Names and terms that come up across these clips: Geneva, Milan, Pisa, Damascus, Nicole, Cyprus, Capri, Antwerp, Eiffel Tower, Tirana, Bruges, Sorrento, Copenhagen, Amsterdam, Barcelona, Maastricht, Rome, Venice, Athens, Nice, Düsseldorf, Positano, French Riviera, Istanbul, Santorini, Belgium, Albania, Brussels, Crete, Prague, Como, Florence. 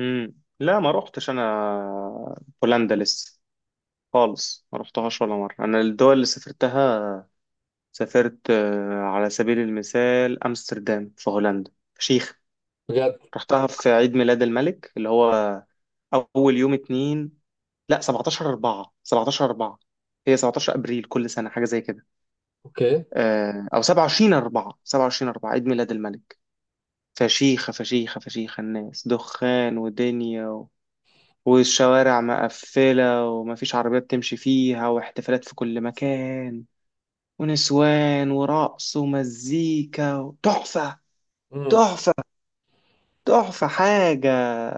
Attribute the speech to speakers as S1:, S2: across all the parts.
S1: لا، ما روحتش انا بولندا لسه خالص. ما روحتهاش ولا مره. انا الدول اللي سافرتها، سافرت على سبيل المثال امستردام في هولندا، فشيخ.
S2: بجد.
S1: رحتها في عيد ميلاد الملك اللي هو اول يوم اتنين، لا 17 4، 17 4، هي 17 ابريل كل سنه، حاجه زي كده.
S2: اوكي.
S1: او 27 4، 27 4 عيد ميلاد الملك. فشيخه فشيخه فشيخه. الناس دخان ودنيا، والشوارع مقفلة ومفيش عربيات تمشي فيها، واحتفالات في كل مكان، ونسوان ورقص ومزيكا. تحفة.
S2: امم.
S1: تحفة. تحفة حاجة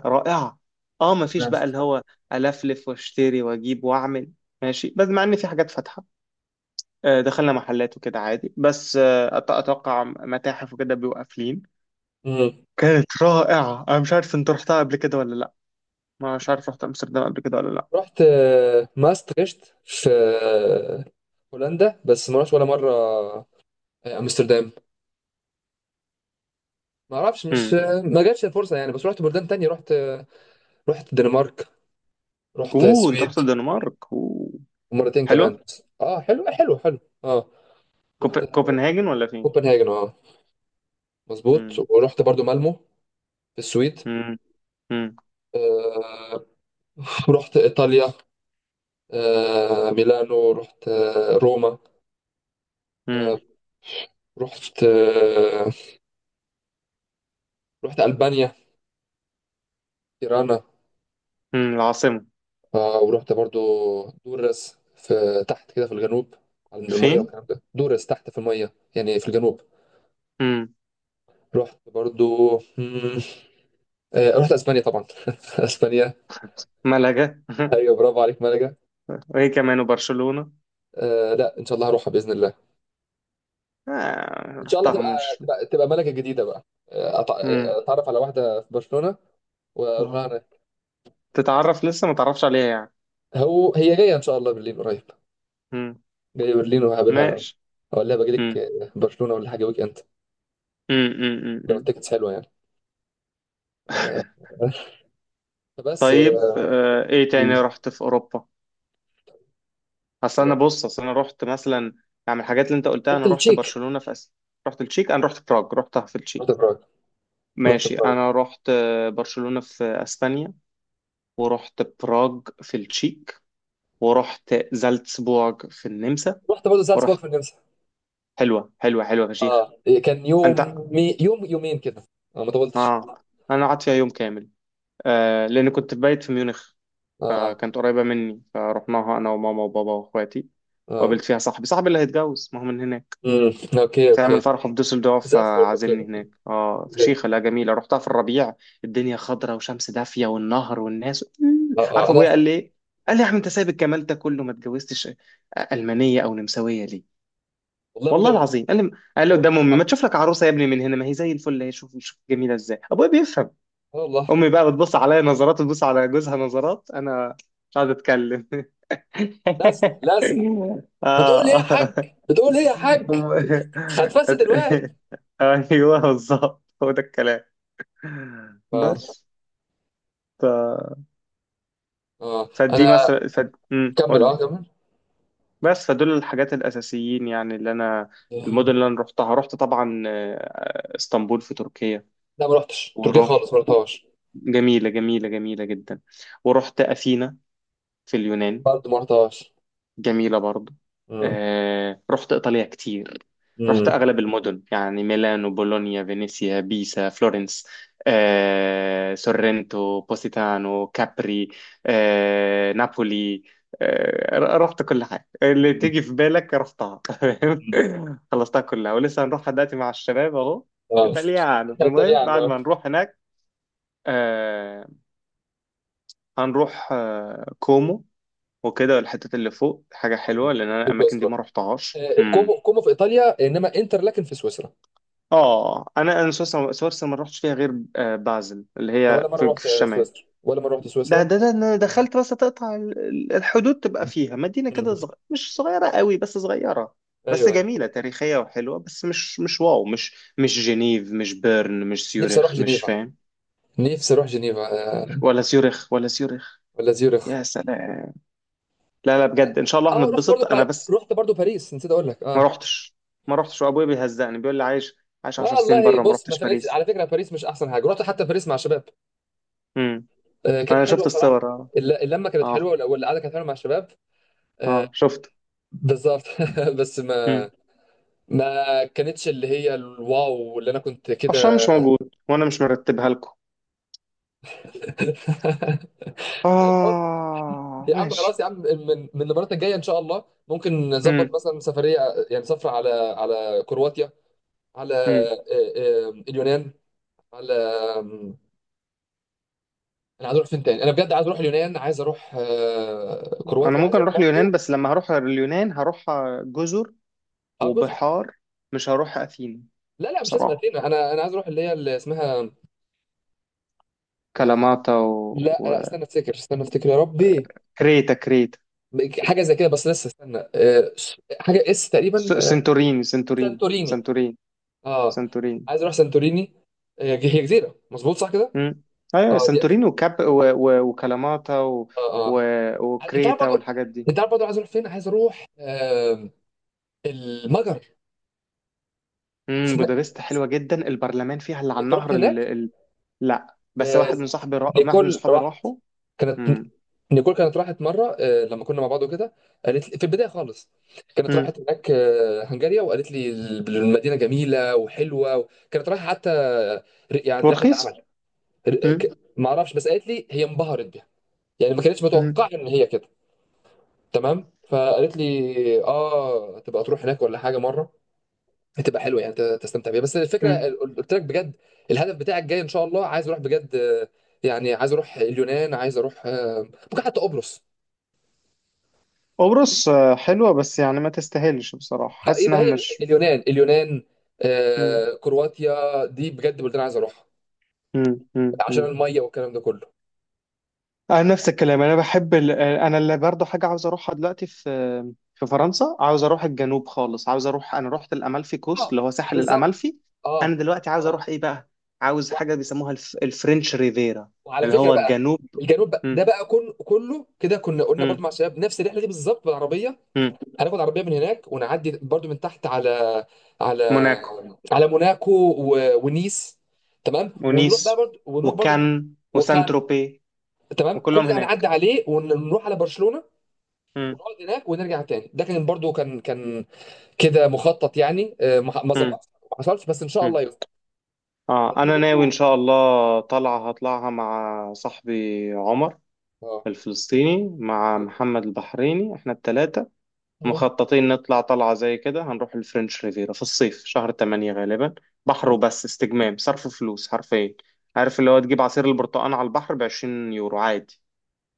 S1: رائعة. اه، مفيش
S2: تمام.
S1: بقى اللي هو ألفلف واشتري واجيب واعمل. ماشي، بس مع ان في حاجات فاتحة. دخلنا محلات وكده عادي، بس اتوقع متاحف وكده بيبقوا قافلين.
S2: امم.
S1: كانت رائعة. انا مش عارف انت رحتها قبل كده ولا لا، مش عارف رحت امستردام قبل كده ولا لا.
S2: رحت ماستريشت في هولندا، بس ما رحتش ولا مره امستردام. ما اعرفش، مش
S1: مم.
S2: ما جاتش الفرصه يعني. بس رحت بلدان تانية. رحت رحت الدنمارك، رحت
S1: اوه، انت رحت
S2: السويد،
S1: الدنمارك؟ اوه،
S2: ومرتين كمان.
S1: حلوة.
S2: اه حلو حلو حلو. اه رحت
S1: كوبنهاجن ولا فين؟
S2: كوبنهاجن. اه مظبوط،
S1: مم.
S2: ورحت برضو مالمو في السويد.
S1: مم. مم.
S2: آه رحت ايطاليا. ميلانو، رحت روما. آه
S1: مم.
S2: رحت آه رحت ألبانيا، تيرانا.
S1: مم. العاصمة؟
S2: ورحت برضو دورس، في تحت كده في الجنوب، عند المية
S1: فين؟
S2: والكلام ده. دورس تحت في المية يعني، في الجنوب.
S1: مم.
S2: رحت برضو رحت اسبانيا طبعا. اسبانيا.
S1: ملقا.
S2: ايوه برافو عليك ملكة.
S1: وهي كمان وبرشلونة.
S2: لا ان شاء الله هروحها باذن الله.
S1: آه،
S2: ان شاء الله
S1: رحتها
S2: تبقى.
S1: مش...
S2: تبقى ملكة جديدة بقى.
S1: مم.
S2: اتعرف على واحدة في برشلونة واروح لها
S1: آه.
S2: هناك.
S1: تتعرف لسه ما تعرفش عليها يعني؟
S2: هو هي جاية ان شاء الله برلين قريب.
S1: مم.
S2: جاية برلين وهقابلها.
S1: ماشي.
S2: اقول لها باجي
S1: مم.
S2: لك برشلونة ولا حاجة ويك اند،
S1: مم. مم. مم.
S2: لو
S1: مم.
S2: التيكتس حلوة يعني. آه، بس
S1: طيب، ايه
S2: مم.
S1: تاني رحت في اوروبا؟ اصل انا بص، اصل انا رحت مثلا، يعني من الحاجات اللي انت قلتها
S2: رحت
S1: انا رحت
S2: التشيك.
S1: برشلونة في اسيا. رحت التشيك. انا رحت براغ، رحتها في
S2: رحت
S1: التشيك.
S2: براغ. رحت
S1: ماشي،
S2: براغ.
S1: انا رحت برشلونة في اسبانيا، ورحت براغ في التشيك، ورحت زالتسبورغ في النمسا،
S2: رحت برضه زالزبورغ
S1: ورحت...
S2: في النمسا.
S1: حلوة حلوة حلوة، فشيخ.
S2: اه كان
S1: انت...
S2: يوم. يوم يومين كده، ما طولتش.
S1: اه، انا قعدت فيها يوم كامل، آه، لان كنت بايت في ميونخ،
S2: اه
S1: فكانت قريبة مني فرحناها انا وماما وبابا واخواتي.
S2: اه.
S1: وقابلت فيها صاحبي اللي هيتجوز، ما هو من هناك.
S2: امم. اوكي
S1: تعمل
S2: اوكي.
S1: فرحه في دوسلدورف
S2: زالزبورغ. اوكي
S1: فعازمني
S2: اوكي.
S1: هناك. اه، فشيخة، لا، جميلة. رحتها في الربيع، الدنيا خضرة وشمس دافية والنهر والناس.
S2: اه اه
S1: عارف
S2: انا.
S1: ابويا قال لي ايه؟ قال لي: يا عم، انت سايب الجمال ده كله ما اتجوزتش ألمانية او نمساوية ليه؟
S2: والله ابوك ده
S1: والله
S2: بيفهم.
S1: العظيم قال لي، قال لي
S2: ابوك ده
S1: قدام امي: ما
S2: بيفهم.
S1: تشوف لك عروسة يا ابني من هنا، ما هي زي الفل، هي، شوف شوف جميلة ازاي. ابويا بيفهم.
S2: والله.
S1: امي بقى بتبص عليا نظرات وتبص على جوزها نظرات، انا مش قاعد اتكلم.
S2: لازق لازق. بتقول ايه يا حاج؟
S1: اه.
S2: بتقول ايه يا حاج؟
S1: هم-
S2: هتفسد الواد.
S1: أت- ايوه بالظبط، هو ده الكلام
S2: اه
S1: بس. ف...
S2: اه انا.
S1: فدي مثلا. ف... مم،
S2: كمل
S1: قول
S2: اه
S1: لي
S2: كمل.
S1: بس. فدول الحاجات الاساسيين، يعني اللي انا، المدن اللي انا رحتها. رحت طبعا اسطنبول في تركيا.
S2: لا ما رحتش تركيا
S1: واروح...
S2: خالص، ما رحتهاش.
S1: جميله جميله جميله جدا. ورحت اثينا في اليونان،
S2: برضه ما رحتهاش.
S1: جميلة برضو.
S2: امم.
S1: رحت إيطاليا كتير، رحت أغلب المدن يعني: ميلانو، بولونيا، فينيسيا، بيسا، فلورنس، سورنتو، بوسيتانو، كابري، نابولي. رحت كل حاجة اللي
S2: امم.
S1: تيجي في بالك رحتها. فاهم؟ خلصتها كلها، ولسه هنروحها دلوقتي مع الشباب أهو،
S2: اه.
S1: إيطاليانو. المهم
S2: إيطاليان.
S1: بعد
S2: اه
S1: ما نروح هناك آه، هنروح كومو وكده، الحتات اللي فوق. حاجة حلوة لأن أنا
S2: في
S1: الأماكن دي
S2: سويسرا.
S1: ما رحتهاش. مم.
S2: كومو. كومو في إيطاليا إنما إنتر، لكن في سويسرا.
S1: آه، أنا سويسرا، ما رحتش فيها غير بازل اللي
S2: أنا ولا
S1: هي في
S2: مرة
S1: في
S2: رحت
S1: الشمال.
S2: سويسرا، ولا مرة رحت
S1: ده
S2: سويسرا.
S1: ده ده أنا دخلت بس، تقطع الحدود تبقى
S2: مم.
S1: فيها مدينة كده، مش صغيرة قوي بس صغيرة. بس
S2: ايوه.
S1: جميلة، تاريخية وحلوة، بس مش مش واو، مش جنيف، مش بيرن، مش
S2: نفسي اروح
S1: سيورخ، مش
S2: جنيفا.
S1: فاهم.
S2: نفسي اروح جنيفا. آه.
S1: ولا سيورخ، ولا سيورخ.
S2: ولا زيورخ.
S1: يا سلام. لا لا، بجد إن شاء الله
S2: اه رحت برضو
S1: هنتبسط. أنا بس
S2: رحت برضو باريس، نسيت اقول لك.
S1: ما
S2: اه،
S1: رحتش ما رحتش، وابويا بيهزقني بيقول لي: عايش 10 سنين
S2: والله
S1: بره ما
S2: بص ما
S1: رحتش
S2: فرقتش
S1: باريس.
S2: على فكره. باريس مش احسن حاجه. رحت حتى باريس مع شباب.
S1: امم.
S2: كانت
S1: انا
S2: حلوه
S1: شفت
S2: بصراحه.
S1: الصور، اه.
S2: اللمه كانت حلوه،
S1: اه.
S2: والقعده كانت حلوه مع الشباب. آه
S1: اه، شفت.
S2: بالظبط. بس
S1: امم.
S2: ما كانتش اللي هي الواو اللي انا كنت
S1: عشان مش
S2: كده.
S1: موجود، وانا مش مرتبها لكم. اه،
S2: يا عم
S1: ماشي.
S2: خلاص يا عم، من المرات الجايه ان شاء الله ممكن نظبط
S1: امم.
S2: مثلا سفريه. يعني سفره على كرواتيا، على
S1: امم.
S2: اليونان، على آم، انا عايز اروح فين تاني؟ انا بجد عايز اروح اليونان، عايز اروح
S1: انا
S2: كرواتيا، عايز
S1: ممكن
S2: اروح
S1: اروح اليونان،
S2: برضو.
S1: بس لما هروح اليونان هروح جزر
S2: اه جزر.
S1: وبحار، مش هروح اثينا
S2: لا لا مش لازم
S1: بصراحة.
S2: اثينا. انا عايز اروح اللي هي اللي اسمها آه،
S1: كلاماتا
S2: لا لا
S1: و...
S2: استنى افتكر. استنى افتكر يا ربي،
S1: وكريتا، كريتا.
S2: حاجه زي كده، بس لسه استنى حاجه تقريبا سانتوريني.
S1: سنتوريني.
S2: اه
S1: سنتوريني
S2: عايز اروح سانتوريني. هي جزيره مظبوط، صح كده؟
S1: مم. ايوه
S2: اه دي.
S1: سانتوريني، وكاب و... و... وكلاماتا و...
S2: اه اه.
S1: و...
S2: انت عارف
S1: وكريتا،
S2: برضو،
S1: والحاجات دي.
S2: انت عارف برضو عايز اروح فين. عايز اروح المجر.
S1: امم.
S2: اسم...
S1: بودابست حلوه جدا، البرلمان فيها اللي على
S2: انت رحت
S1: النهر ال...
S2: هناك؟
S1: ال... لا، بس
S2: آه...
S1: واحد من صاحبي واحد من
S2: نيكول
S1: صحابي
S2: راحت.
S1: راحوا.
S2: كانت
S1: امم.
S2: نيكول كانت راحت مره لما كنا مع بعض وكده. قالت لي في البدايه خالص كانت
S1: امم.
S2: راحت هناك هنغاريا. وقالت لي المدينه جميله وحلوه. كانت رايحه حتى يعني رحله
S1: ورخيص.
S2: عمل.
S1: امم.
S2: ما اعرفش، بس قالت لي هي انبهرت بيها، يعني ما كانتش
S1: امم.
S2: متوقعه ان هي كده. تمام. فقالت لي اه تبقى تروح هناك ولا حاجه مره، هتبقى حلوه يعني تستمتع بيها. بس الفكره
S1: امم.
S2: قلت لك بجد، الهدف بتاعك جاي ان شاء الله. عايز اروح بجد يعني عايز اروح اليونان، عايز اروح ممكن حتى قبرص.
S1: قبرص، آه، حلوه، بس يعني ما تستاهلش بصراحه، حاسس
S2: يبقى
S1: انها
S2: هي
S1: مش...
S2: اليونان. اليونان. كرواتيا دي بجد بلدان عايز اروحها، عشان
S1: امم.
S2: الميه والكلام ده كله.
S1: انا نفس الكلام، انا بحب ال... انا اللي برضه حاجه عاوز اروحها دلوقتي في في فرنسا، عاوز اروح الجنوب خالص، عاوز اروح... انا رحت الامالفي كوست
S2: اه
S1: اللي هو ساحل
S2: بالظبط.
S1: الامالفي.
S2: اه
S1: انا دلوقتي عاوز
S2: اه.
S1: اروح ايه بقى، عاوز حاجه بيسموها الفرنش ريفيرا،
S2: وعلى
S1: اللي
S2: فكره
S1: هو
S2: بقى،
S1: الجنوب.
S2: الجنوب بقى ده
S1: مم.
S2: بقى. كله كده كنا قلنا برضو
S1: مم.
S2: مع الشباب نفس الرحله دي بالظبط بالعربيه.
S1: مم.
S2: هناخد عربيه من هناك، ونعدي برضو من تحت على على
S1: موناكو،
S2: موناكو. و... ونيس. تمام. ونروح بقى
S1: ونيس،
S2: برضو، ونروح برضو من.
S1: وكان، وسان
S2: وكان.
S1: تروبي،
S2: تمام كل
S1: وكلهم
S2: ده هنعدي
S1: هناك.
S2: عليه، ونروح على برشلونه،
S1: مم.
S2: ونقعد هناك، ونرجع تاني. ده كان برضو كان كده مخطط يعني. ما
S1: مم.
S2: ظبطش، ما حصلش، بس ان شاء
S1: مم.
S2: الله يظبط.
S1: اه،
S2: دي
S1: انا
S2: برضو.
S1: ناوي ان شاء الله طالعه هطلعها مع صاحبي عمر
S2: اه.
S1: الفلسطيني، مع محمد البحريني. احنا التلاتة
S2: مم.
S1: مخططين نطلع طلعة زي كده، هنروح الفرنش ريفيرا في الصيف، شهر 8 غالبا. بحر
S2: مم.
S1: وبس، استجمام، صرف فلوس حرفيا. عارف اللي هو تجيب عصير البرتقال على البحر بـ20 يورو عادي،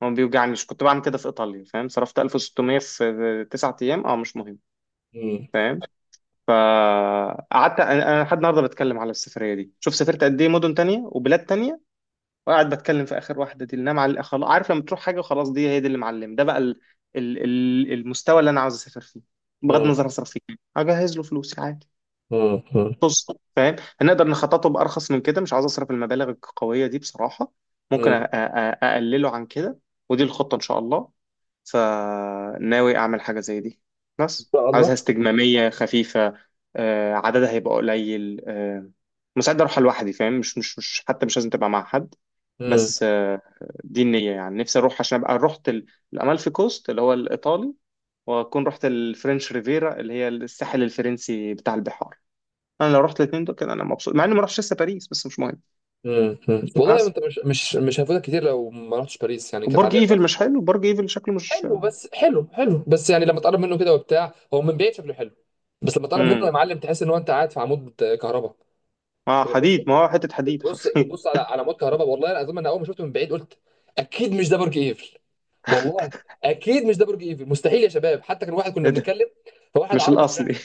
S1: ما بيوجعنيش. كنت بعمل كده في إيطاليا، فاهم؟ صرفت 1600 في 9 أيام. اه، مش مهم.
S2: مم.
S1: فاهم. فقعدت أنا لحد النهاردة بتكلم على السفرية دي. شوف سافرت قد إيه مدن تانية وبلاد تانية، وقاعد بتكلم في اخر واحده دي اللي انا خلاص. عارف، لما تروح حاجه وخلاص، دي هي، دي اللي معلم، ده بقى ال... ال... المستوى اللي انا عاوز اسافر فيه، بغض النظر اصرف فيه، اجهز له فلوسي عادي.
S2: مم.
S1: بص، فاهم، هنقدر نخططه بارخص من كده، مش عاوز اصرف المبالغ القويه دي بصراحه. ممكن
S2: مم.
S1: اقلله عن كده. ودي الخطه ان شاء الله، فناوي اعمل حاجه زي دي، بس
S2: شاء
S1: عاوزها
S2: الله.
S1: استجماميه خفيفه. عددها هيبقى قليل. مستعد اروح لوحدي فاهم، مش مش مش حتى مش لازم تبقى مع حد.
S2: مم.
S1: بس دي النية يعني. نفسي أروح عشان أبقى رحت الأمالفي كوست اللي هو الإيطالي، وأكون رحت الفرنش ريفيرا اللي هي الساحل الفرنسي بتاع البحار. أنا لو رحت الاتنين دول كده أنا مبسوط، مع إني ما رحتش لسه باريس، بس مش مهم.
S2: مم. مم. والله
S1: بس،
S2: انت مش هيفوتك كتير لو ما رحتش باريس، يعني كانت
S1: وبرج
S2: عاديه
S1: إيفل
S2: خالص.
S1: مش حلو، برج إيفل شكله مش...
S2: حلو، بس حلو حلو. بس يعني لما تقرب منه كده وبتاع، هو من بعيد شكله حلو، بس لما تقرب منه
S1: مم.
S2: يا معلم تحس ان هو انت قاعد في عمود كهرباء.
S1: آه،
S2: بتبص
S1: حديد، ما هو حتة حديد حرفيا.
S2: بتبص على عمود كهرباء. والله العظيم انا اول ما شفته من بعيد قلت اكيد مش ده برج ايفل. والله اكيد مش ده برج ايفل. مستحيل يا شباب. حتى كان واحد كنا
S1: إيه ده؟
S2: بنتكلم فواحد
S1: مش
S2: عربي
S1: الأصلي.
S2: سمعنا.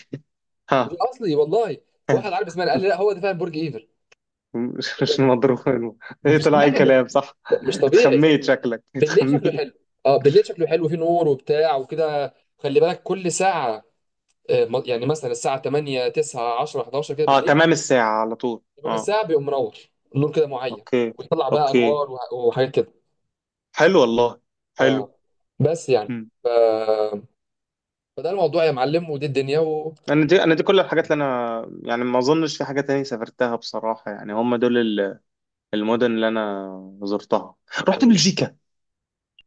S2: مش
S1: ها.
S2: اصلي والله. فواحد عربي سمعنا قال لي لا هو ده فعلا برج ايفل.
S1: مش مضروب. ايه،
S2: مش
S1: طلع اي كلام، صح.
S2: مش طبيعي.
S1: اتخميت، شكلك
S2: بالليل شكله
S1: اتخميت.
S2: حلو. اه بالليل شكله حلو، فيه نور وبتاع وكده. خلي بالك كل ساعة. يعني مثلا الساعة 8 9 10 11 كده
S1: اه،
S2: بالليل،
S1: تمام. الساعة على طول،
S2: تمام
S1: اه.
S2: الساعة بيقوم منور، نور كده معين،
S1: اوكي.
S2: ويطلع بقى
S1: اوكي.
S2: انوار وحاجات كده.
S1: حلو والله. حلو.
S2: اه. بس يعني.
S1: مم.
S2: ف... فده الموضوع يا معلم، ودي الدنيا و
S1: انا دي، كل الحاجات اللي انا، يعني ما اظنش في حاجه تانية سافرتها بصراحه، يعني هم دول المدن اللي انا زرتها. رحت
S2: مم.
S1: بلجيكا.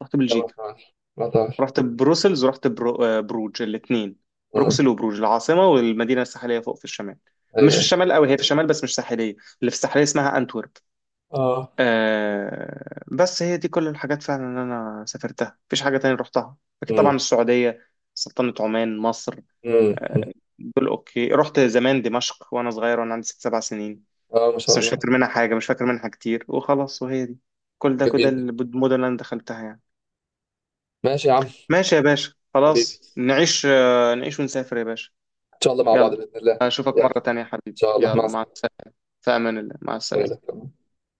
S1: رحت
S2: لا ما
S1: بلجيكا
S2: تعرفش ما تعرفش.
S1: رحت بروسلز ورحت بروج، الاثنين:
S2: آه.
S1: بروكسل وبروج، العاصمه والمدينه الساحليه فوق في الشمال. مش
S2: ايوه
S1: في
S2: ايوه.
S1: الشمال قوي، هي في الشمال بس مش ساحليه، اللي في الساحليه اسمها انتورب.
S2: اه.
S1: آه، بس هي دي كل الحاجات فعلا اللي انا سافرتها، مفيش حاجه تانية رحتها. اكيد
S2: مم.
S1: طبعا السعوديه، سلطنة عمان، مصر،
S2: مم.
S1: دول اوكي. رحت زمان دمشق وانا صغير، وانا عندي 6 7 سنين،
S2: اه ما شاء
S1: بس مش
S2: الله.
S1: فاكر منها حاجه، مش فاكر منها كتير وخلاص. وهي دي كل ده كده
S2: جميل.
S1: المدن اللي انا دخلتها يعني.
S2: ماشي يا عم.
S1: ماشي يا باشا،
S2: حبيبي،
S1: خلاص نعيش، نعيش ونسافر يا باشا.
S2: ان شاء الله مع بعض
S1: يلا،
S2: باذن الله.
S1: اشوفك
S2: يلا
S1: مره تانية يا
S2: ان
S1: حبيبي.
S2: شاء الله مع
S1: يلا، مع السلامه. في امان الله، مع السلامه.
S2: السلامه.